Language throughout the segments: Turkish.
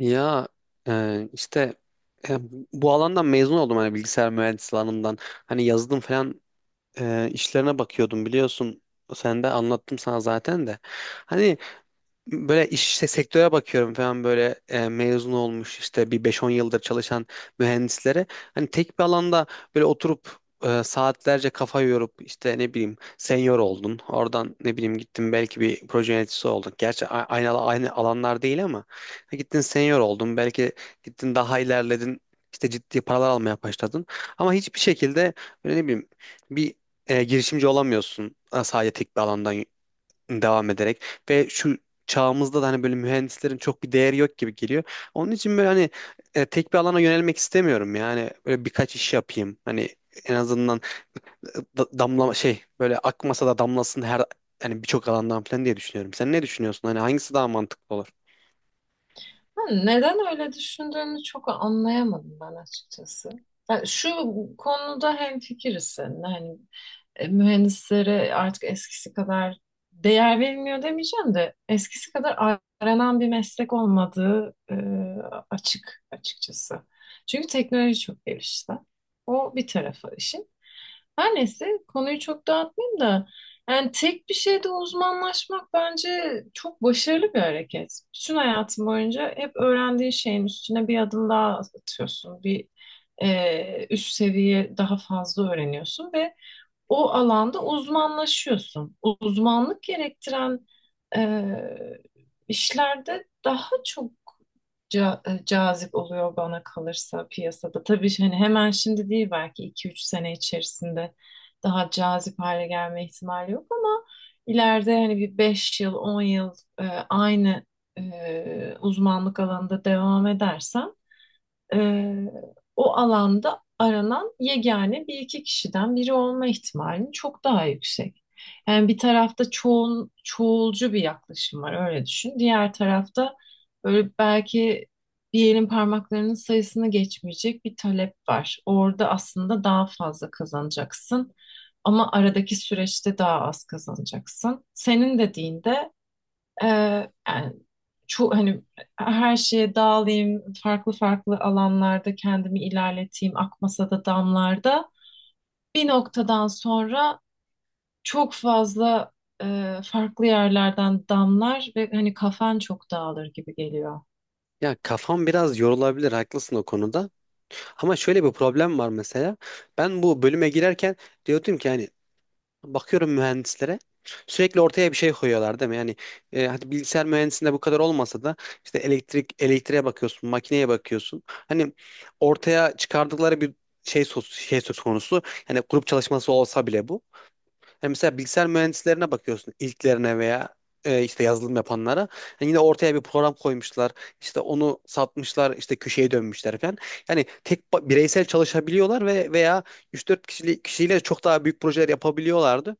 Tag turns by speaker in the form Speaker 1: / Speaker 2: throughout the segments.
Speaker 1: Ya e, işte e, bu alandan mezun oldum, hani bilgisayar mühendisliği alanından. Hani yazılım falan işlerine bakıyordum biliyorsun. Sen de anlattım sana zaten de. Hani böyle iş işte sektöre bakıyorum falan böyle mezun olmuş işte bir beş on yıldır çalışan mühendislere, hani tek bir alanda böyle oturup saatlerce kafa yorup işte ne bileyim senior oldun, oradan ne bileyim gittin belki bir proje yöneticisi oldun, gerçi aynı alanlar değil ama gittin senior oldun belki, gittin daha ilerledin, işte ciddi paralar almaya başladın ama hiçbir şekilde böyle ne bileyim bir girişimci olamıyorsun, sadece tek bir alandan devam ederek. Ve şu çağımızda da hani böyle mühendislerin çok bir değeri yok gibi geliyor. Onun için böyle hani tek bir alana yönelmek istemiyorum, yani böyle birkaç iş yapayım. Hani en azından damla şey, böyle akmasa da damlasın her, hani birçok alandan falan diye düşünüyorum. Sen ne düşünüyorsun? Hani hangisi daha mantıklı olur?
Speaker 2: Ha, neden öyle düşündüğünü çok anlayamadım ben açıkçası. Yani şu konuda hemfikiriz seninle. Hani mühendislere artık eskisi kadar değer verilmiyor demeyeceğim de eskisi kadar aranan bir meslek olmadığı, açıkçası. Çünkü teknoloji çok gelişti. O bir tarafı işin. Her neyse, konuyu çok dağıtmayayım da yani tek bir şeyde uzmanlaşmak bence çok başarılı bir hareket. Bütün hayatın boyunca hep öğrendiğin şeyin üstüne bir adım daha atıyorsun. Bir üst seviye daha fazla öğreniyorsun ve o alanda uzmanlaşıyorsun. Uzmanlık gerektiren e, işlerde daha çok cazip oluyor bana kalırsa piyasada. Tabii hani hemen şimdi değil, belki 2 3 sene içerisinde daha cazip hale gelme ihtimali yok ama ileride hani bir 5 yıl, 10 yıl, e, aynı uzmanlık alanında devam edersem, ee, o alanda aranan yegane bir iki kişiden biri olma ihtimalin çok daha yüksek. Yani bir tarafta çoğul, çoğulcu bir yaklaşım var, öyle düşün. Diğer tarafta böyle belki bir elin parmaklarının sayısını geçmeyecek bir talep var. Orada aslında daha fazla kazanacaksın ama aradaki süreçte daha az kazanacaksın. Senin dediğinde ee, yani hani her şeye dağılayım, farklı farklı alanlarda kendimi ilerleteyim, akmasa da damlarda. Bir noktadan sonra çok fazla farklı yerlerden damlar ve hani kafan çok dağılır gibi geliyor.
Speaker 1: Ya kafam biraz yorulabilir, haklısın o konuda. Ama şöyle bir problem var mesela. Ben bu bölüme girerken diyordum ki hani bakıyorum mühendislere sürekli ortaya bir şey koyuyorlar değil mi? Yani hadi bilgisayar mühendisinde bu kadar olmasa da işte elektrik, elektriğe bakıyorsun, makineye bakıyorsun. Hani ortaya çıkardıkları bir şey söz konusu. Yani grup çalışması olsa bile bu. Hani mesela bilgisayar mühendislerine bakıyorsun ilklerine veya işte yazılım yapanlara. Hani yine ortaya bir program koymuşlar, işte onu satmışlar, işte köşeye dönmüşler falan. Yani bireysel çalışabiliyorlar ve veya 3-4 kişiyle çok daha büyük projeler yapabiliyorlardı.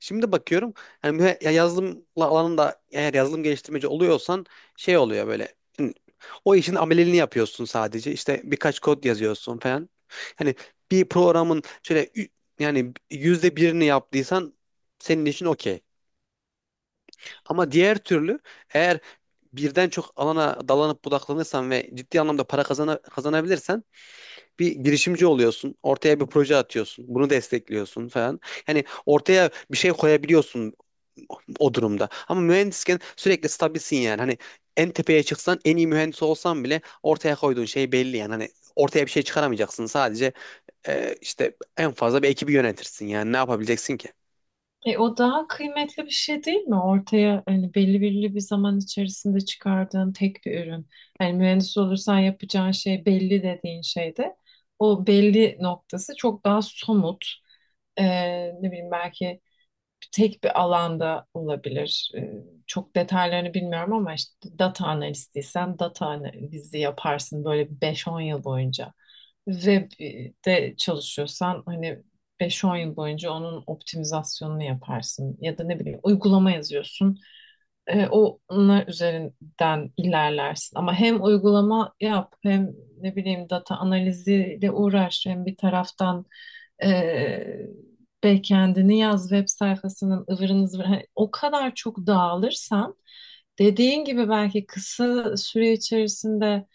Speaker 1: Şimdi bakıyorum, yani ya yazılım alanında eğer yazılım geliştirmeci oluyorsan şey oluyor böyle. O işin ameliyatını yapıyorsun sadece. İşte birkaç kod yazıyorsun falan. Hani bir programın şöyle, yani yüzde birini yaptıysan senin için okey. Ama diğer türlü, eğer birden çok alana dalanıp budaklanırsan ve ciddi anlamda kazanabilirsen bir girişimci oluyorsun. Ortaya bir proje atıyorsun. Bunu destekliyorsun falan. Yani ortaya bir şey koyabiliyorsun o durumda. Ama mühendisken sürekli stabilsin yani. Hani en tepeye çıksan, en iyi mühendis olsan bile ortaya koyduğun şey belli yani. Hani ortaya bir şey çıkaramayacaksın. Sadece işte en fazla bir ekibi yönetirsin yani. Ne yapabileceksin ki?
Speaker 2: O daha kıymetli bir şey değil mi? Ortaya hani belli belli bir zaman içerisinde çıkardığın tek bir ürün. Hani mühendis olursan yapacağın şey belli dediğin şeyde o belli noktası çok daha somut. E, ne bileyim, belki tek bir alanda olabilir. Çok detaylarını bilmiyorum ama işte data analistiysen data analizi yaparsın böyle 5-10 yıl boyunca. Web'de çalışıyorsan hani 5-10 yıl boyunca onun optimizasyonunu yaparsın. Ya da ne bileyim, uygulama yazıyorsun. Onlar üzerinden ilerlersin. Ama hem uygulama yap, hem ne bileyim data analiziyle uğraş, hem bir taraftan e, backend'ini yaz, web sayfasının ıvırını zıvırını. Hani o kadar çok dağılırsan dediğin gibi belki kısa süre içerisinde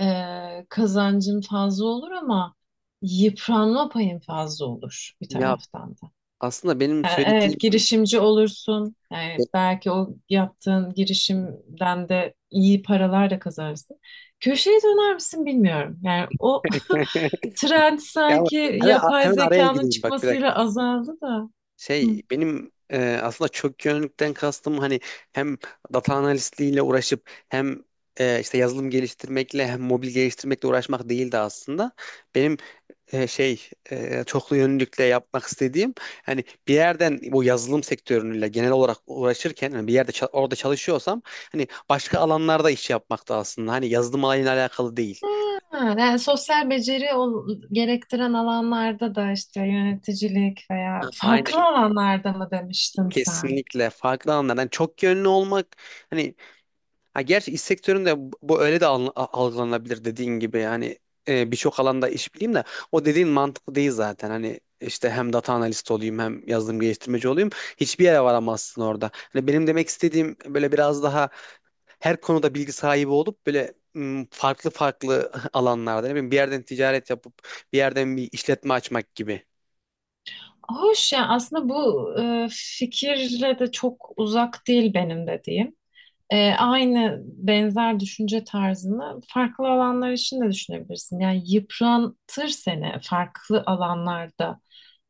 Speaker 2: kazancın fazla olur ama yıpranma payın fazla olur bir
Speaker 1: Ya
Speaker 2: taraftan da.
Speaker 1: aslında benim
Speaker 2: Yani evet,
Speaker 1: söylediğim
Speaker 2: girişimci olursun. Yani belki o yaptığın girişimden de iyi paralar da kazanırsın. Köşeye döner misin bilmiyorum. Yani o trend
Speaker 1: ya
Speaker 2: sanki yapay
Speaker 1: hemen araya
Speaker 2: zekanın
Speaker 1: gireyim, bak bir
Speaker 2: çıkmasıyla
Speaker 1: dakika.
Speaker 2: azaldı da. Hı.
Speaker 1: Şey, benim aslında çok yönlükten kastım, hani hem data analistliğiyle uğraşıp hem işte yazılım geliştirmekle hem mobil geliştirmekle uğraşmak değildi aslında. Benim çoklu yönlülükle yapmak istediğim, hani bir yerden bu yazılım sektörüyle genel olarak uğraşırken, hani bir yerde orada çalışıyorsam hani başka alanlarda iş yapmakta aslında. Hani yazılım alanıyla alakalı değil.
Speaker 2: Ha, yani sosyal beceri gerektiren alanlarda da, işte yöneticilik veya
Speaker 1: Ha,
Speaker 2: farklı
Speaker 1: aynen.
Speaker 2: alanlarda mı demiştin sen?
Speaker 1: Kesinlikle farklı alanlardan çok yönlü olmak hani, ha gerçi iş sektöründe bu öyle de algılanabilir dediğin gibi, yani birçok alanda iş bileyim de, o dediğin mantıklı değil zaten, hani işte hem data analist olayım hem yazılım geliştirmeci olayım, hiçbir yere varamazsın orada. Hani benim demek istediğim böyle biraz daha her konuda bilgi sahibi olup böyle farklı farklı alanlarda ne bileyim bir yerden ticaret yapıp bir yerden bir işletme açmak gibi.
Speaker 2: Hoş ya, aslında bu fikirle de çok uzak değil benim dediğim. Aynı benzer düşünce tarzını farklı alanlar için de düşünebilirsin. Yani yıpratır seni farklı alanlarda.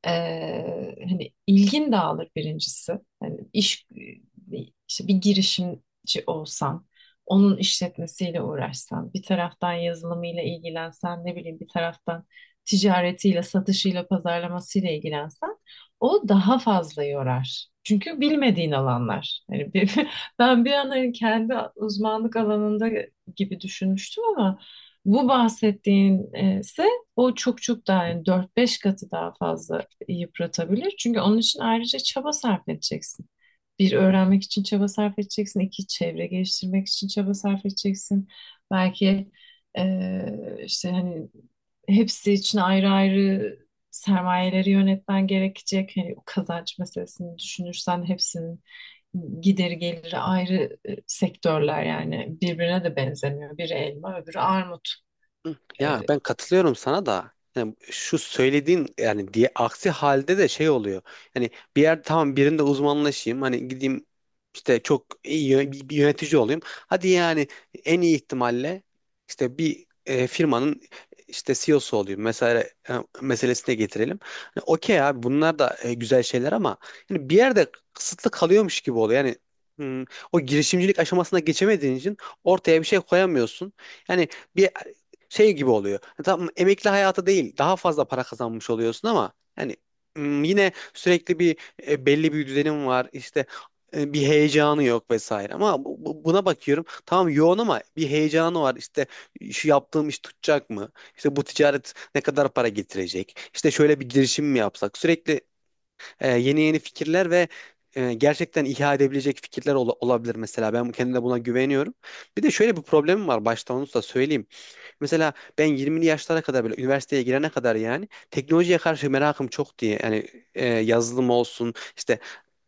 Speaker 2: Hani ilgin dağılır birincisi. Hani işte bir girişimci olsan, onun işletmesiyle uğraşsan, bir taraftan yazılımıyla ilgilensen, ne bileyim bir taraftan ticaretiyle, satışıyla, pazarlamasıyla ilgilensen, o daha fazla yorar. Çünkü bilmediğin alanlar. Hani ben bir an hani kendi uzmanlık alanında gibi düşünmüştüm ama bu bahsettiğin ise o çok çok daha, yani dört beş katı daha fazla yıpratabilir. Çünkü onun için ayrıca çaba sarf edeceksin. Bir, öğrenmek için çaba sarf edeceksin; iki, çevre geliştirmek için çaba sarf edeceksin. Belki işte hani hepsi için ayrı ayrı sermayeleri yönetmen gerekecek. Hani o kazanç meselesini düşünürsen hepsinin gideri geliri ayrı sektörler, yani birbirine de benzemiyor. Biri elma, öbürü armut.
Speaker 1: Ya
Speaker 2: Eee,
Speaker 1: ben katılıyorum sana da, yani şu söylediğin yani diye, aksi halde de şey oluyor. Yani bir yer, tamam birinde uzmanlaşayım hani, gideyim işte çok iyi bir yönetici olayım. Hadi yani en iyi ihtimalle işte bir firmanın işte CEO'su olayım mesela, e, meselesine getirelim. Hani okey abi bunlar da güzel şeyler ama yani bir yerde kısıtlı kalıyormuş gibi oluyor. Yani hmm, o girişimcilik aşamasına geçemediğin için ortaya bir şey koyamıyorsun. Yani bir şey gibi oluyor. Tam emekli hayatı değil, daha fazla para kazanmış oluyorsun ama yani yine sürekli bir belli bir düzenim var. İşte bir heyecanı yok vesaire. Ama buna bakıyorum. Tamam yoğun ama bir heyecanı var. İşte şu yaptığım iş tutacak mı? İşte bu ticaret ne kadar para getirecek? İşte şöyle bir girişim mi yapsak? Sürekli yeni yeni fikirler ve gerçekten ihya edebilecek fikirler olabilir mesela. Ben kendime buna güveniyorum. Bir de şöyle bir problemim var, başta onu da söyleyeyim. Mesela ben 20'li yaşlara kadar, böyle üniversiteye girene kadar, yani teknolojiye karşı merakım çok diye, yani yazılım olsun, işte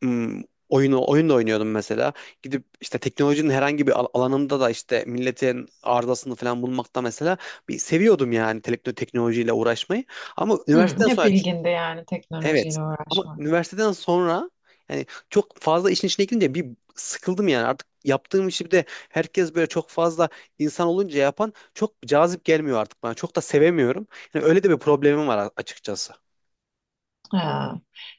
Speaker 1: m, oyun da oynuyordum mesela. Gidip işte teknolojinin herhangi bir alanında da işte milletin arızasını falan bulmakta mesela, bir seviyordum yani teknolojiyle uğraşmayı. Ama
Speaker 2: hı,
Speaker 1: üniversiteden
Speaker 2: hep
Speaker 1: sonra
Speaker 2: ilginde yani
Speaker 1: evet.
Speaker 2: teknolojiyle
Speaker 1: Ama
Speaker 2: uğraşmak.
Speaker 1: üniversiteden sonra yani çok fazla işin içine girince bir sıkıldım yani. Artık yaptığım işi, bir de herkes böyle çok fazla insan olunca yapan, çok cazip gelmiyor artık bana. Çok da sevemiyorum. Yani öyle de bir problemim var açıkçası.
Speaker 2: Ha.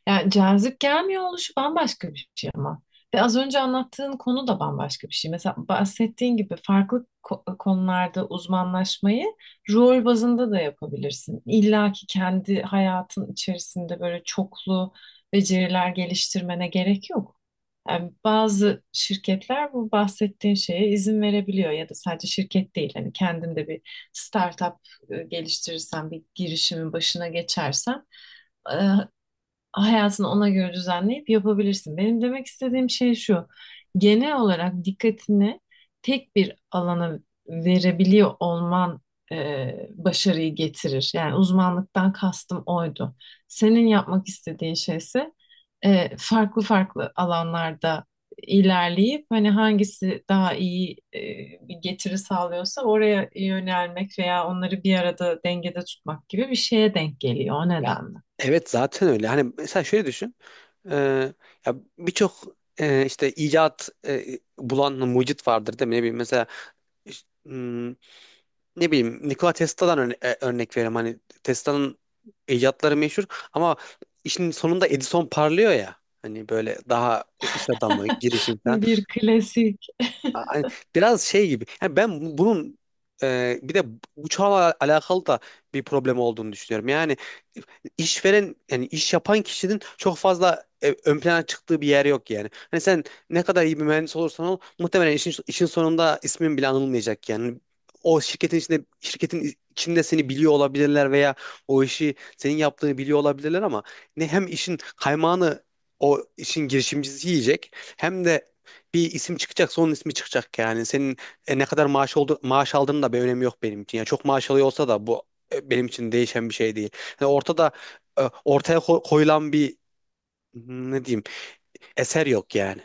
Speaker 2: Yani cazip gelmiyor oluşu bambaşka bir şey ama. Ve az önce anlattığın konu da bambaşka bir şey. Mesela bahsettiğin gibi farklı konularda uzmanlaşmayı rol bazında da yapabilirsin. İlla ki kendi hayatın içerisinde böyle çoklu beceriler geliştirmene gerek yok. Yani bazı şirketler bu bahsettiğin şeye izin verebiliyor, ya da sadece şirket değil, hani kendin de bir startup geliştirirsen, bir girişimin başına geçersen, hayatını ona göre düzenleyip yapabilirsin. Benim demek istediğim şey şu. Genel olarak dikkatini tek bir alana verebiliyor olman, e, başarıyı getirir. Yani uzmanlıktan kastım oydu. Senin yapmak istediğin şey ise farklı farklı alanlarda ilerleyip hani hangisi daha iyi bir getiri sağlıyorsa oraya yönelmek veya onları bir arada dengede tutmak gibi bir şeye denk geliyor, o
Speaker 1: Ya
Speaker 2: nedenle.
Speaker 1: evet, zaten öyle. Hani mesela şöyle düşün. Ee, ya birçok işte bulan mucit vardır değil mi? Ne bileyim mesela, ne bileyim Nikola Tesla'dan örnek vereyim. Hani Tesla'nın icatları meşhur ama işin sonunda Edison parlıyor ya. Hani böyle daha iş adamı, girişim...
Speaker 2: Bir klasik.
Speaker 1: Hani biraz şey gibi. Yani ben bunun bir de bu çağla alakalı da bir problem olduğunu düşünüyorum. Yani işveren, yani iş yapan kişinin çok fazla ön plana çıktığı bir yer yok yani. Hani sen ne kadar iyi bir mühendis olursan ol, muhtemelen işin sonunda ismin bile anılmayacak yani. O şirketin içinde seni biliyor olabilirler veya o işi senin yaptığını biliyor olabilirler ama ne, hem işin kaymağını o işin girişimcisi yiyecek hem de bir isim çıkacaksa onun ismi çıkacak yani. Senin ne kadar maaş oldu maaş aldığının da bir önemi yok benim için. Yani çok maaş alıyor olsa da bu benim için değişen bir şey değil. Yani ortada ortaya koyulan bir ne diyeyim, eser yok yani.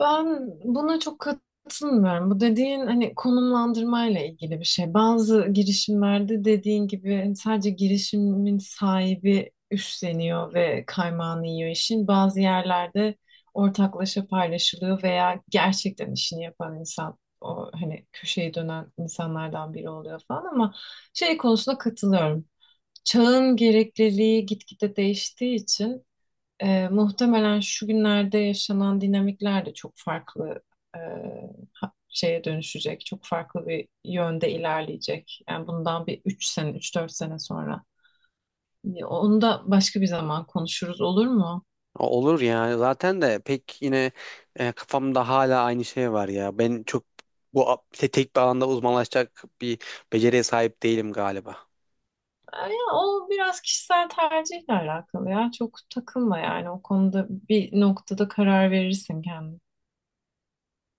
Speaker 2: Ben buna çok katılmıyorum. Bu dediğin hani konumlandırmayla ilgili bir şey. Bazı girişimlerde dediğin gibi hani sadece girişimin sahibi üstleniyor ve kaymağını yiyor işin. Bazı yerlerde ortaklaşa paylaşılıyor veya gerçekten işini yapan insan o hani köşeyi dönen insanlardan biri oluyor falan ama şey konusunda katılıyorum. Çağın gerekliliği gitgide değiştiği için muhtemelen şu günlerde yaşanan dinamikler de çok farklı e, şeye dönüşecek. Çok farklı bir yönde ilerleyecek. Yani bundan bir 3 sene, 3 4 sene sonra. Ya, onu da başka bir zaman konuşuruz, olur mu?
Speaker 1: Olur ya, zaten de pek yine kafamda hala aynı şey var ya. Ben çok bu tek bir alanda uzmanlaşacak bir beceriye sahip değilim galiba.
Speaker 2: Ya, o biraz kişisel tercihle alakalı ya. Çok takılma yani, o konuda bir noktada karar verirsin kendin.